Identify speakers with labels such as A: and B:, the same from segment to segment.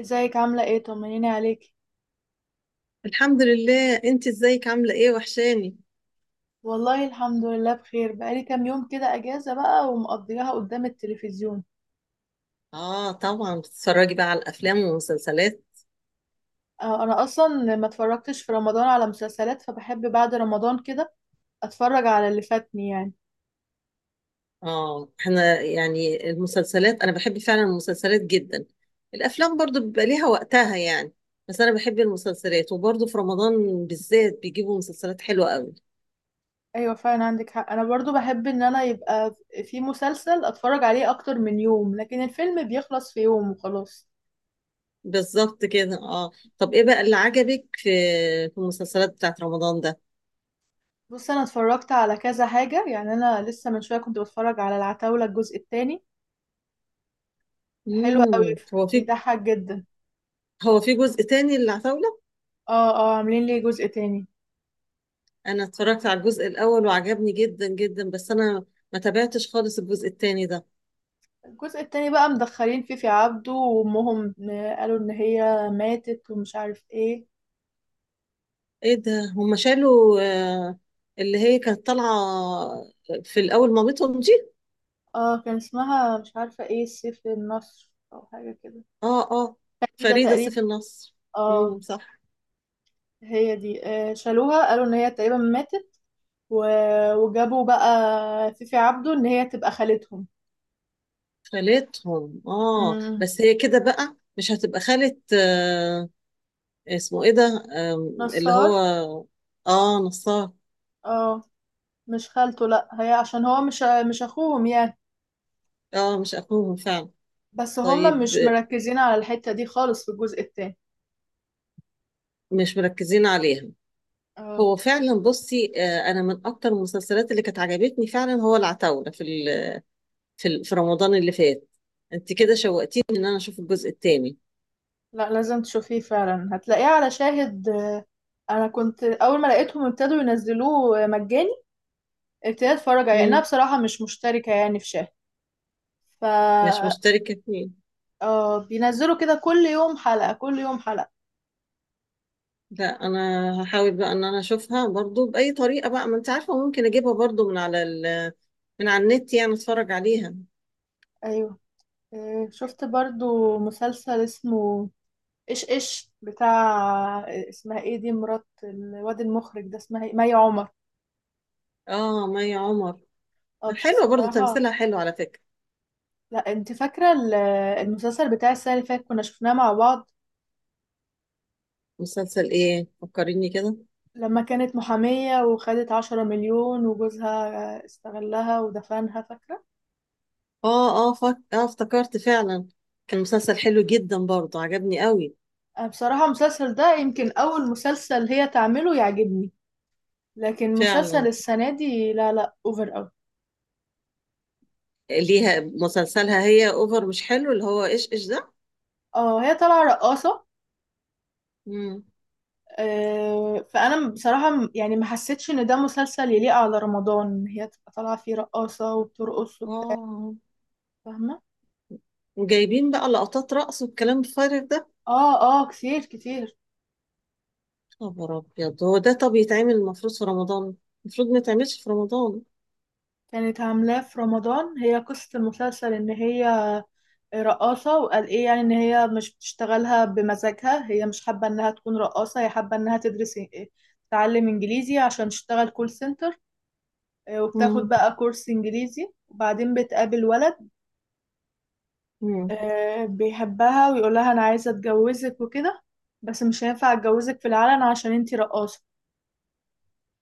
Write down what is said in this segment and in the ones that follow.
A: ازيك عاملة ايه؟ طمنيني عليكي.
B: الحمد لله، انت ازيك؟ عامله ايه؟ وحشاني.
A: والله الحمد لله بخير، بقالي كام يوم كده اجازة بقى ومقضيها قدام التلفزيون.
B: اه، طبعا بتتفرجي بقى على الافلام والمسلسلات.
A: آه، انا اصلا ما اتفرجتش في رمضان على مسلسلات، فبحب بعد رمضان كده اتفرج على اللي فاتني يعني.
B: اه، احنا يعني المسلسلات، انا بحب فعلا المسلسلات جدا. الافلام برضو بيبقى ليها وقتها يعني. بس انا بحب المسلسلات، وبرضو في رمضان بالذات بيجيبوا مسلسلات حلوه قوي.
A: ايوه فعلا عندك حق، انا برضو بحب ان انا يبقى في مسلسل اتفرج عليه اكتر من يوم، لكن الفيلم بيخلص في يوم وخلاص.
B: بالظبط كده، اه. طب ايه بقى اللي عجبك في المسلسلات بتاعت رمضان ده؟
A: بص، انا اتفرجت على كذا حاجة يعني، انا لسه من شوية كنت بتفرج على العتاولة الجزء التاني. حلو قوي،
B: هو في.
A: بيضحك جدا.
B: هو في جزء تاني للعتاولة؟
A: اه اه، عاملين ليه جزء تاني؟
B: انا اتفرجت على الجزء الاول وعجبني جدا جدا، بس انا ما تابعتش خالص الجزء التاني ده.
A: الجزء التاني بقى مدخلين فيه في عبده وامهم، قالوا ان هي ماتت ومش عارف ايه.
B: ايه ده، هم شالوا؟ آه، اللي هي كانت طالعه في الاول مامتهم دي؟
A: اه، كان اسمها مش عارفة ايه سيف النصر او حاجة كده.
B: اه اه.
A: كده
B: فريده
A: تقريبا.
B: سيف النصر.
A: اه.
B: امم، صح.
A: هي دي، شالوها قالوا ان هي تقريبا ماتت و... وجابوا بقى فيفي عبده ان هي تبقى خالتهم.
B: خالتهم، اه،
A: امم.
B: بس هي كده بقى مش هتبقى خالة، آه. اسمه ايه ده؟ آه، اللي
A: نصار.
B: هو، اه نصار.
A: اه، مش خالته لا، هي عشان هو مش اخوهم يعني.
B: اه، مش اخوهم فعلا.
A: بس هما
B: طيب،
A: مش مركزين على الحتة دي خالص في الجزء التاني.
B: مش مركزين عليها.
A: اه
B: هو فعلا، بصي، انا من اكتر المسلسلات اللي كانت عجبتني فعلا هو العتاولة في رمضان اللي فات. انت كده شوقتيني ان انا اشوف الجزء الثاني.
A: لا لازم تشوفيه فعلا، هتلاقيه على شاهد. انا كنت اول ما لقيتهم ابتدوا ينزلوه مجاني ابتديت اتفرج عليه، لانها
B: مم.
A: بصراحه مش مشتركه يعني في شاهد. ف
B: مش مشتركة فيه.
A: بينزلوا كده كل يوم حلقه كل يوم حلقه.
B: لا، انا هحاول بقى ان انا اشوفها برضو باي طريقة بقى، ما انت عارفة، ممكن اجيبها برضو من على النت يعني، اتفرج عليها.
A: ايوه. شفت برضو مسلسل اسمه ايش ايش بتاع، اسمها ايه دي مرات الواد المخرج ده اسمها ايه، مي عمر.
B: اه، مي عمر.
A: اه بس
B: حلوة، برضو
A: بصراحه.
B: تمثيلها حلو على فكرة.
A: لا انت فاكره المسلسل بتاع السنه اللي فاتت كنا شفناه مع بعض،
B: مسلسل ايه؟ فكريني كده.
A: لما كانت محامية وخدت 10 مليون وجوزها استغلها ودفنها، فاكرة؟
B: اه اه، افتكرت فعلا. كان مسلسل حلو جدا برضو، عجبني قوي.
A: أنا بصراحة المسلسل ده يمكن أول مسلسل هي تعمله يعجبني، لكن مسلسل
B: فعلا.
A: السنة دي لا لا أوفر أوي.
B: ليها مسلسلها هي اوفر، مش حلو، اللي هو ايش ايش ده.
A: اه، هي طالعة رقاصة.
B: مم.
A: فأنا بصراحة يعني ما حسيتش إن ده مسلسل يليق على رمضان، إن هي تبقى طالعة فيه رقاصة وبترقص وبتاع.
B: اه،
A: فاهمة؟
B: وجايبين بقى لقطات رقص والكلام الفارغ ده.
A: اه اه، كتير كتير.
B: خبر ابيض، هو ده طب يتعمل المفروض في رمضان؟ المفروض ما يتعملش في رمضان.
A: كانت عاملاه في رمضان، هي قصة المسلسل إن هي رقاصة، وقال ايه يعني ان هي مش بتشتغلها بمزاجها، هي مش حابة انها تكون رقاصة، هي حابة انها تدرس، تتعلم انجليزي عشان تشتغل كول سنتر. وبتاخد
B: مم.
A: بقى كورس انجليزي، وبعدين بتقابل ولد.
B: مم.
A: بيحبها ويقولها انا عايزة اتجوزك وكده، بس مش هينفع اتجوزك في العلن عشان انتي رقاصة.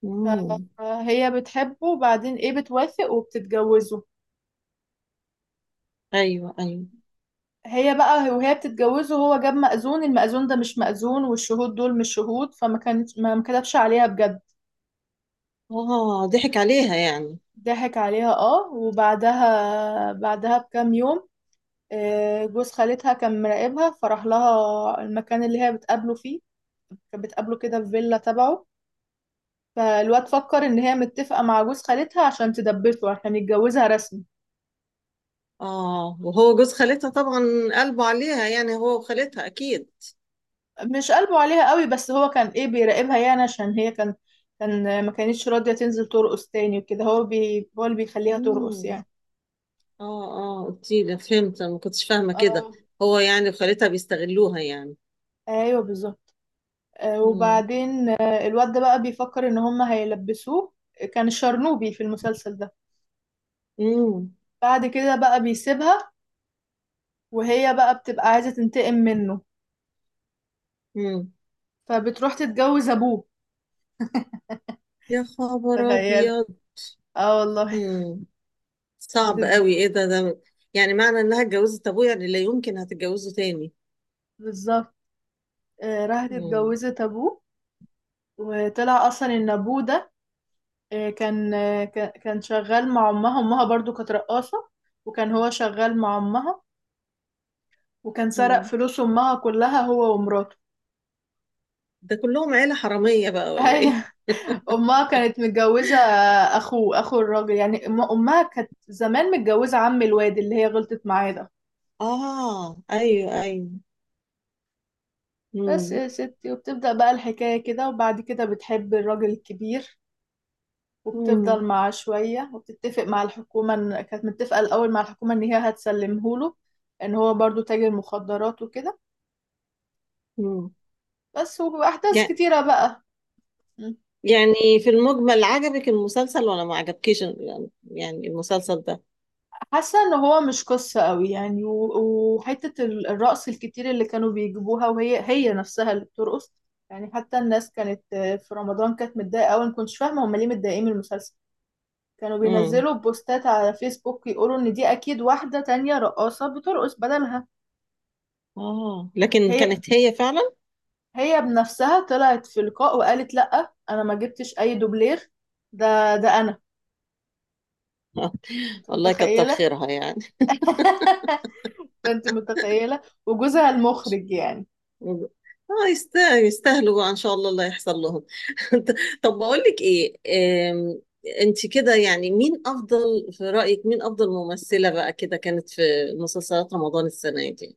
B: مم.
A: فهي بتحبه وبعدين ايه بتوافق وبتتجوزه.
B: ايوه، ايوه.
A: هي بقى وهي بتتجوزه هو جاب مأذون، المأذون ده مش مأذون والشهود دول مش شهود، فما كانت ما كتبش عليها بجد.
B: اه، ضحك عليها يعني.
A: ضحك عليها اه، وبعدها بكام يوم، جوز خالتها كان مراقبها فراح لها المكان اللي هي بتقابله فيه، كانت بتقابله كده في فيلا تبعه. فالواد فكر ان هي متفقة مع جوز خالتها عشان تدبسه عشان يتجوزها رسمي.
B: اه، وهو جوز خالتها طبعا قلبه عليها يعني، هو وخالتها اكيد.
A: مش قلبه عليها قوي، بس هو كان ايه بيراقبها يعني، عشان هي كان ما كانتش راضية تنزل ترقص تاني وكده، هو اللي بيخليها ترقص
B: مم.
A: يعني.
B: اه اه، قلتيلي، فهمت. أنا ما كنتش فاهمه كده.
A: اه
B: هو يعني وخالتها بيستغلوها يعني.
A: ايوه بالظبط.
B: مم.
A: وبعدين الواد ده بقى بيفكر ان هما هيلبسوه. كان الشرنوبي في المسلسل ده.
B: امم.
A: بعد كده بقى بيسيبها، وهي بقى بتبقى عايزة تنتقم منه،
B: امم.
A: فبتروح تتجوز ابوه.
B: يا خبر
A: تخيل.
B: ابيض.
A: اه والله.
B: امم. صعب
A: بتت...
B: قوي. ايه ده يعني معنى انها اتجوزت ابوه، يعني لا يمكن هتتجوزه تاني.
A: بالظبط. راحت
B: امم.
A: اتجوزت ابوه، وطلع اصلا ان ابوه ده كان شغال مع امها، امها برضو كانت رقاصة، وكان هو شغال مع امها، وكان سرق
B: امم.
A: فلوس امها كلها هو ومراته.
B: ده كلهم عيلة حرامية بقى ولا ايه؟
A: ايوه. امها كانت متجوزة اخو الراجل يعني، امها كانت زمان متجوزة عم الواد اللي هي غلطت معاه ده.
B: اه، ايوه ايوه.
A: بس
B: امم.
A: يا ستي، وبتبدأ بقى الحكاية كده، وبعد كده بتحب الراجل الكبير،
B: امم.
A: وبتفضل معاه شوية، وبتتفق مع الحكومة كانت متفقة الأول مع الحكومة إن هي هتسلمهوله، إن هو برضو تاجر مخدرات وكده،
B: امم.
A: بس واحداث
B: يع-
A: كتيره بقى. مم.
B: يعني في المجمل عجبك المسلسل ولا ما عجبكيش يعني المسلسل ده؟
A: حاسه ان هو مش قصه قوي يعني، وحته الرقص الكتير اللي كانوا بيجيبوها وهي هي نفسها اللي بترقص يعني، حتى الناس كانت في رمضان كانت متضايقه قوي، ما كنتش فاهمه هم ليه متضايقين من المسلسل. كانوا
B: امم.
A: بينزلوا بوستات على فيسبوك يقولوا ان دي اكيد واحده تانية رقاصه بترقص بدلها.
B: اه، لكن
A: هي
B: كانت هي فعلا.
A: هي بنفسها طلعت في لقاء وقالت لا انا ما جبتش اي دوبلير، ده انا. انت
B: والله كتر
A: متخيله؟
B: خيرها يعني.
A: فانت متخيله وجوزها المخرج يعني.
B: اه، يستاهلوا بقى ان شاء الله اللي هيحصل لهم. طب بقول لك ايه؟ آم، انت كده يعني، مين افضل في رأيك؟ مين افضل ممثلة بقى كده كانت في مسلسلات رمضان السنة دي؟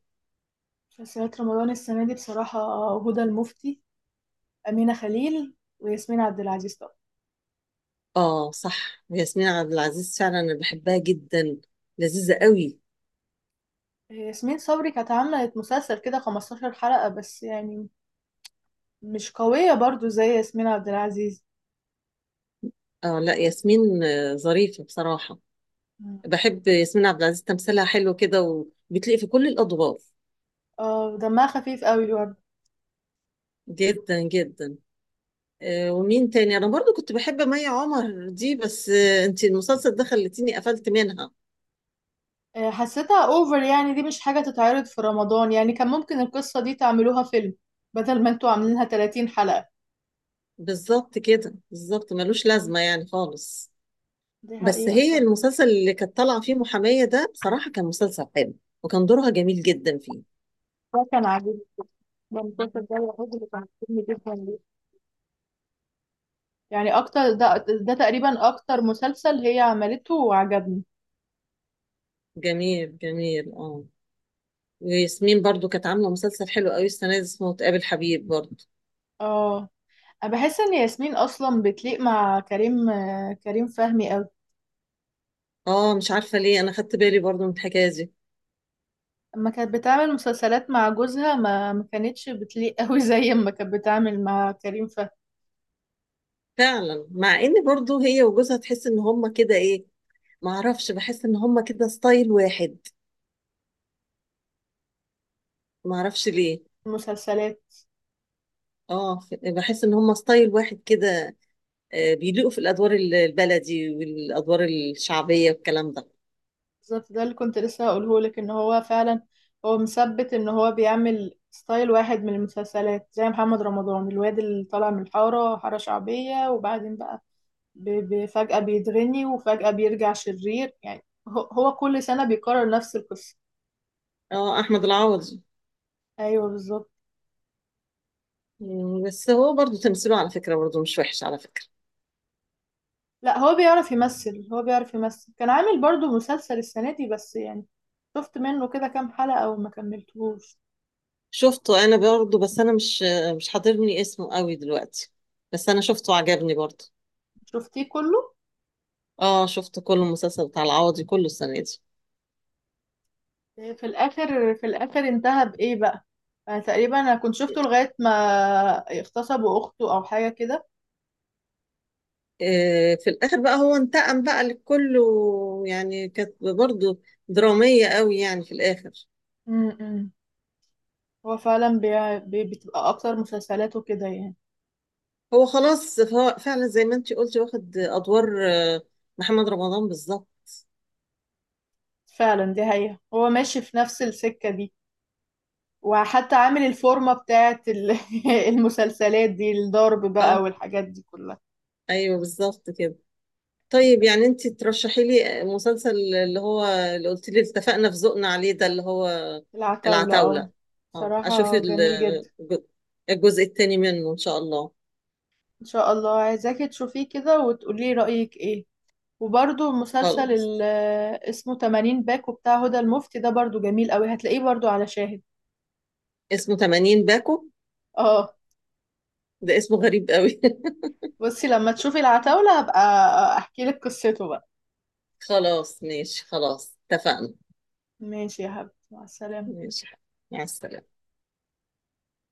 A: مسلسلات رمضان السنه دي بصراحه هدى المفتي، امينه خليل، وياسمين عبد العزيز طبعا.
B: اه صح، ياسمين عبد العزيز فعلا انا بحبها جدا، لذيذة قوي.
A: ياسمين صبري كانت عملت مسلسل كده 15 حلقه بس يعني، مش قويه برضو زي ياسمين عبد العزيز.
B: اه، لا، ياسمين ظريفة بصراحة.
A: مم.
B: بحب ياسمين عبد العزيز، تمثيلها حلو كده، وبتلاقي في كل الادوار.
A: اه، دمها خفيف قوي برضه.
B: جدا جدا. ومين تاني؟ انا برضو كنت بحب مي عمر دي، بس، انتي المسلسل ده خلتيني قفلت منها.
A: حسيتها اوفر يعني، دي مش حاجة تتعرض في رمضان يعني، كان ممكن القصة دي تعملوها فيلم بدل ما انتوا عاملينها 30 حلقة.
B: بالظبط كده، بالظبط، ملوش
A: مم.
B: لازمة يعني خالص.
A: دي
B: بس
A: حقيقة.
B: هي المسلسل اللي كانت طالعة فيه محامية ده، بصراحة كان مسلسل حلو، وكان دورها جميل جدا فيه.
A: ده كان عاجبني، ده المسلسل ده الوحيد اللي كان عاجبني جدا يعني اكتر، ده تقريبا اكتر مسلسل هي عملته وعجبني.
B: جميل جميل، اه. وياسمين برضو كانت عاملة مسلسل حلو قوي السنة دي، اسمه تقابل حبيب، برضو.
A: اه، انا بحس ان ياسمين اصلا بتليق مع كريم فهمي قوي.
B: اه، مش عارفة ليه، انا خدت بالي برضو من الحكاية دي.
A: اما كانت بتعمل مسلسلات مع جوزها ما كانتش بتليق قوي زي ما كانت بتعمل مع كريم فهمي.
B: فعلا، مع ان برضو هي وجوزها تحس ان هما كده، ايه، معرفش، بحس ان هما كده ستايل واحد، ما اعرفش ليه.
A: المسلسلات.
B: اه، بحس ان هم ستايل واحد كده. بيليقوا في الادوار البلدي والادوار الشعبيه والكلام ده.
A: بالظبط، ده اللي كنت لسه هقوله لك، ان هو فعلا هو مثبت ان هو بيعمل ستايل واحد من المسلسلات، زي محمد رمضان الواد اللي طالع من الحارة حارة شعبية وبعدين بقى، فجأة بيتغني وفجأة بيرجع شرير يعني، هو كل سنة بيكرر نفس القصة.
B: اه، احمد العوضي.
A: ايوه بالظبط.
B: بس هو برضو تمثيله على فكره، برضو مش وحش على فكره.
A: لا هو بيعرف يمثل، هو بيعرف يمثل، كان عامل برضو مسلسل السنة دي بس يعني، شفت منه كده كام حلقة وما كملتهوش.
B: شفته انا برضو، بس انا مش حاضرني اسمه قوي دلوقتي، بس انا شفته، عجبني برضو.
A: شفتيه كله؟
B: اه، شفت كل المسلسل بتاع العوضي كله السنه دي.
A: في الآخر انتهى بإيه بقى؟ أنا تقريبا كنت شفته لغاية ما اغتصبوا أخته أو حاجة كده.
B: في الاخر بقى هو انتقم بقى لكله، يعني كانت برضو دراميه قوي يعني في الاخر.
A: امم. هو فعلا بتبقى أكتر مسلسلاته كده يعني.
B: هو خلاص، فعلا زي ما انتي قلتي، واخد ادوار، محمد رمضان بالظبط.
A: فعلا دي حقيقة، هو ماشي في نفس السكة دي، وحتى عامل الفورمة بتاعت المسلسلات دي، الضرب بقى
B: اه
A: والحاجات دي كلها.
B: ايوه، بالظبط كده. طيب، يعني انتي ترشحي لي مسلسل، اللي هو اللي قلت لي اتفقنا في ذوقنا عليه، ده اللي هو.
A: العتاولة اه.
B: العتاولة. اه، اشوف
A: صراحة جميل جدا.
B: الج- الجزء الثاني منه ان شاء الله.
A: ان شاء الله عايزاكي تشوفيه كده وتقولي رأيك ايه. وبرضو مسلسل
B: خلاص.
A: اسمه 80 باكو بتاع هدى المفتي ده برضو جميل قوي، هتلاقيه برضو على شاهد.
B: اسمه 80 باكو.
A: اه.
B: ده اسمه غريب قوي.
A: بصي لما تشوفي العتاولة هبقى احكي لك قصته بقى.
B: خلاص، ماشي، خلاص، اتفقنا.
A: ماشي يا حبيبتي، مع السلامة.
B: ماشي، مع السلامة.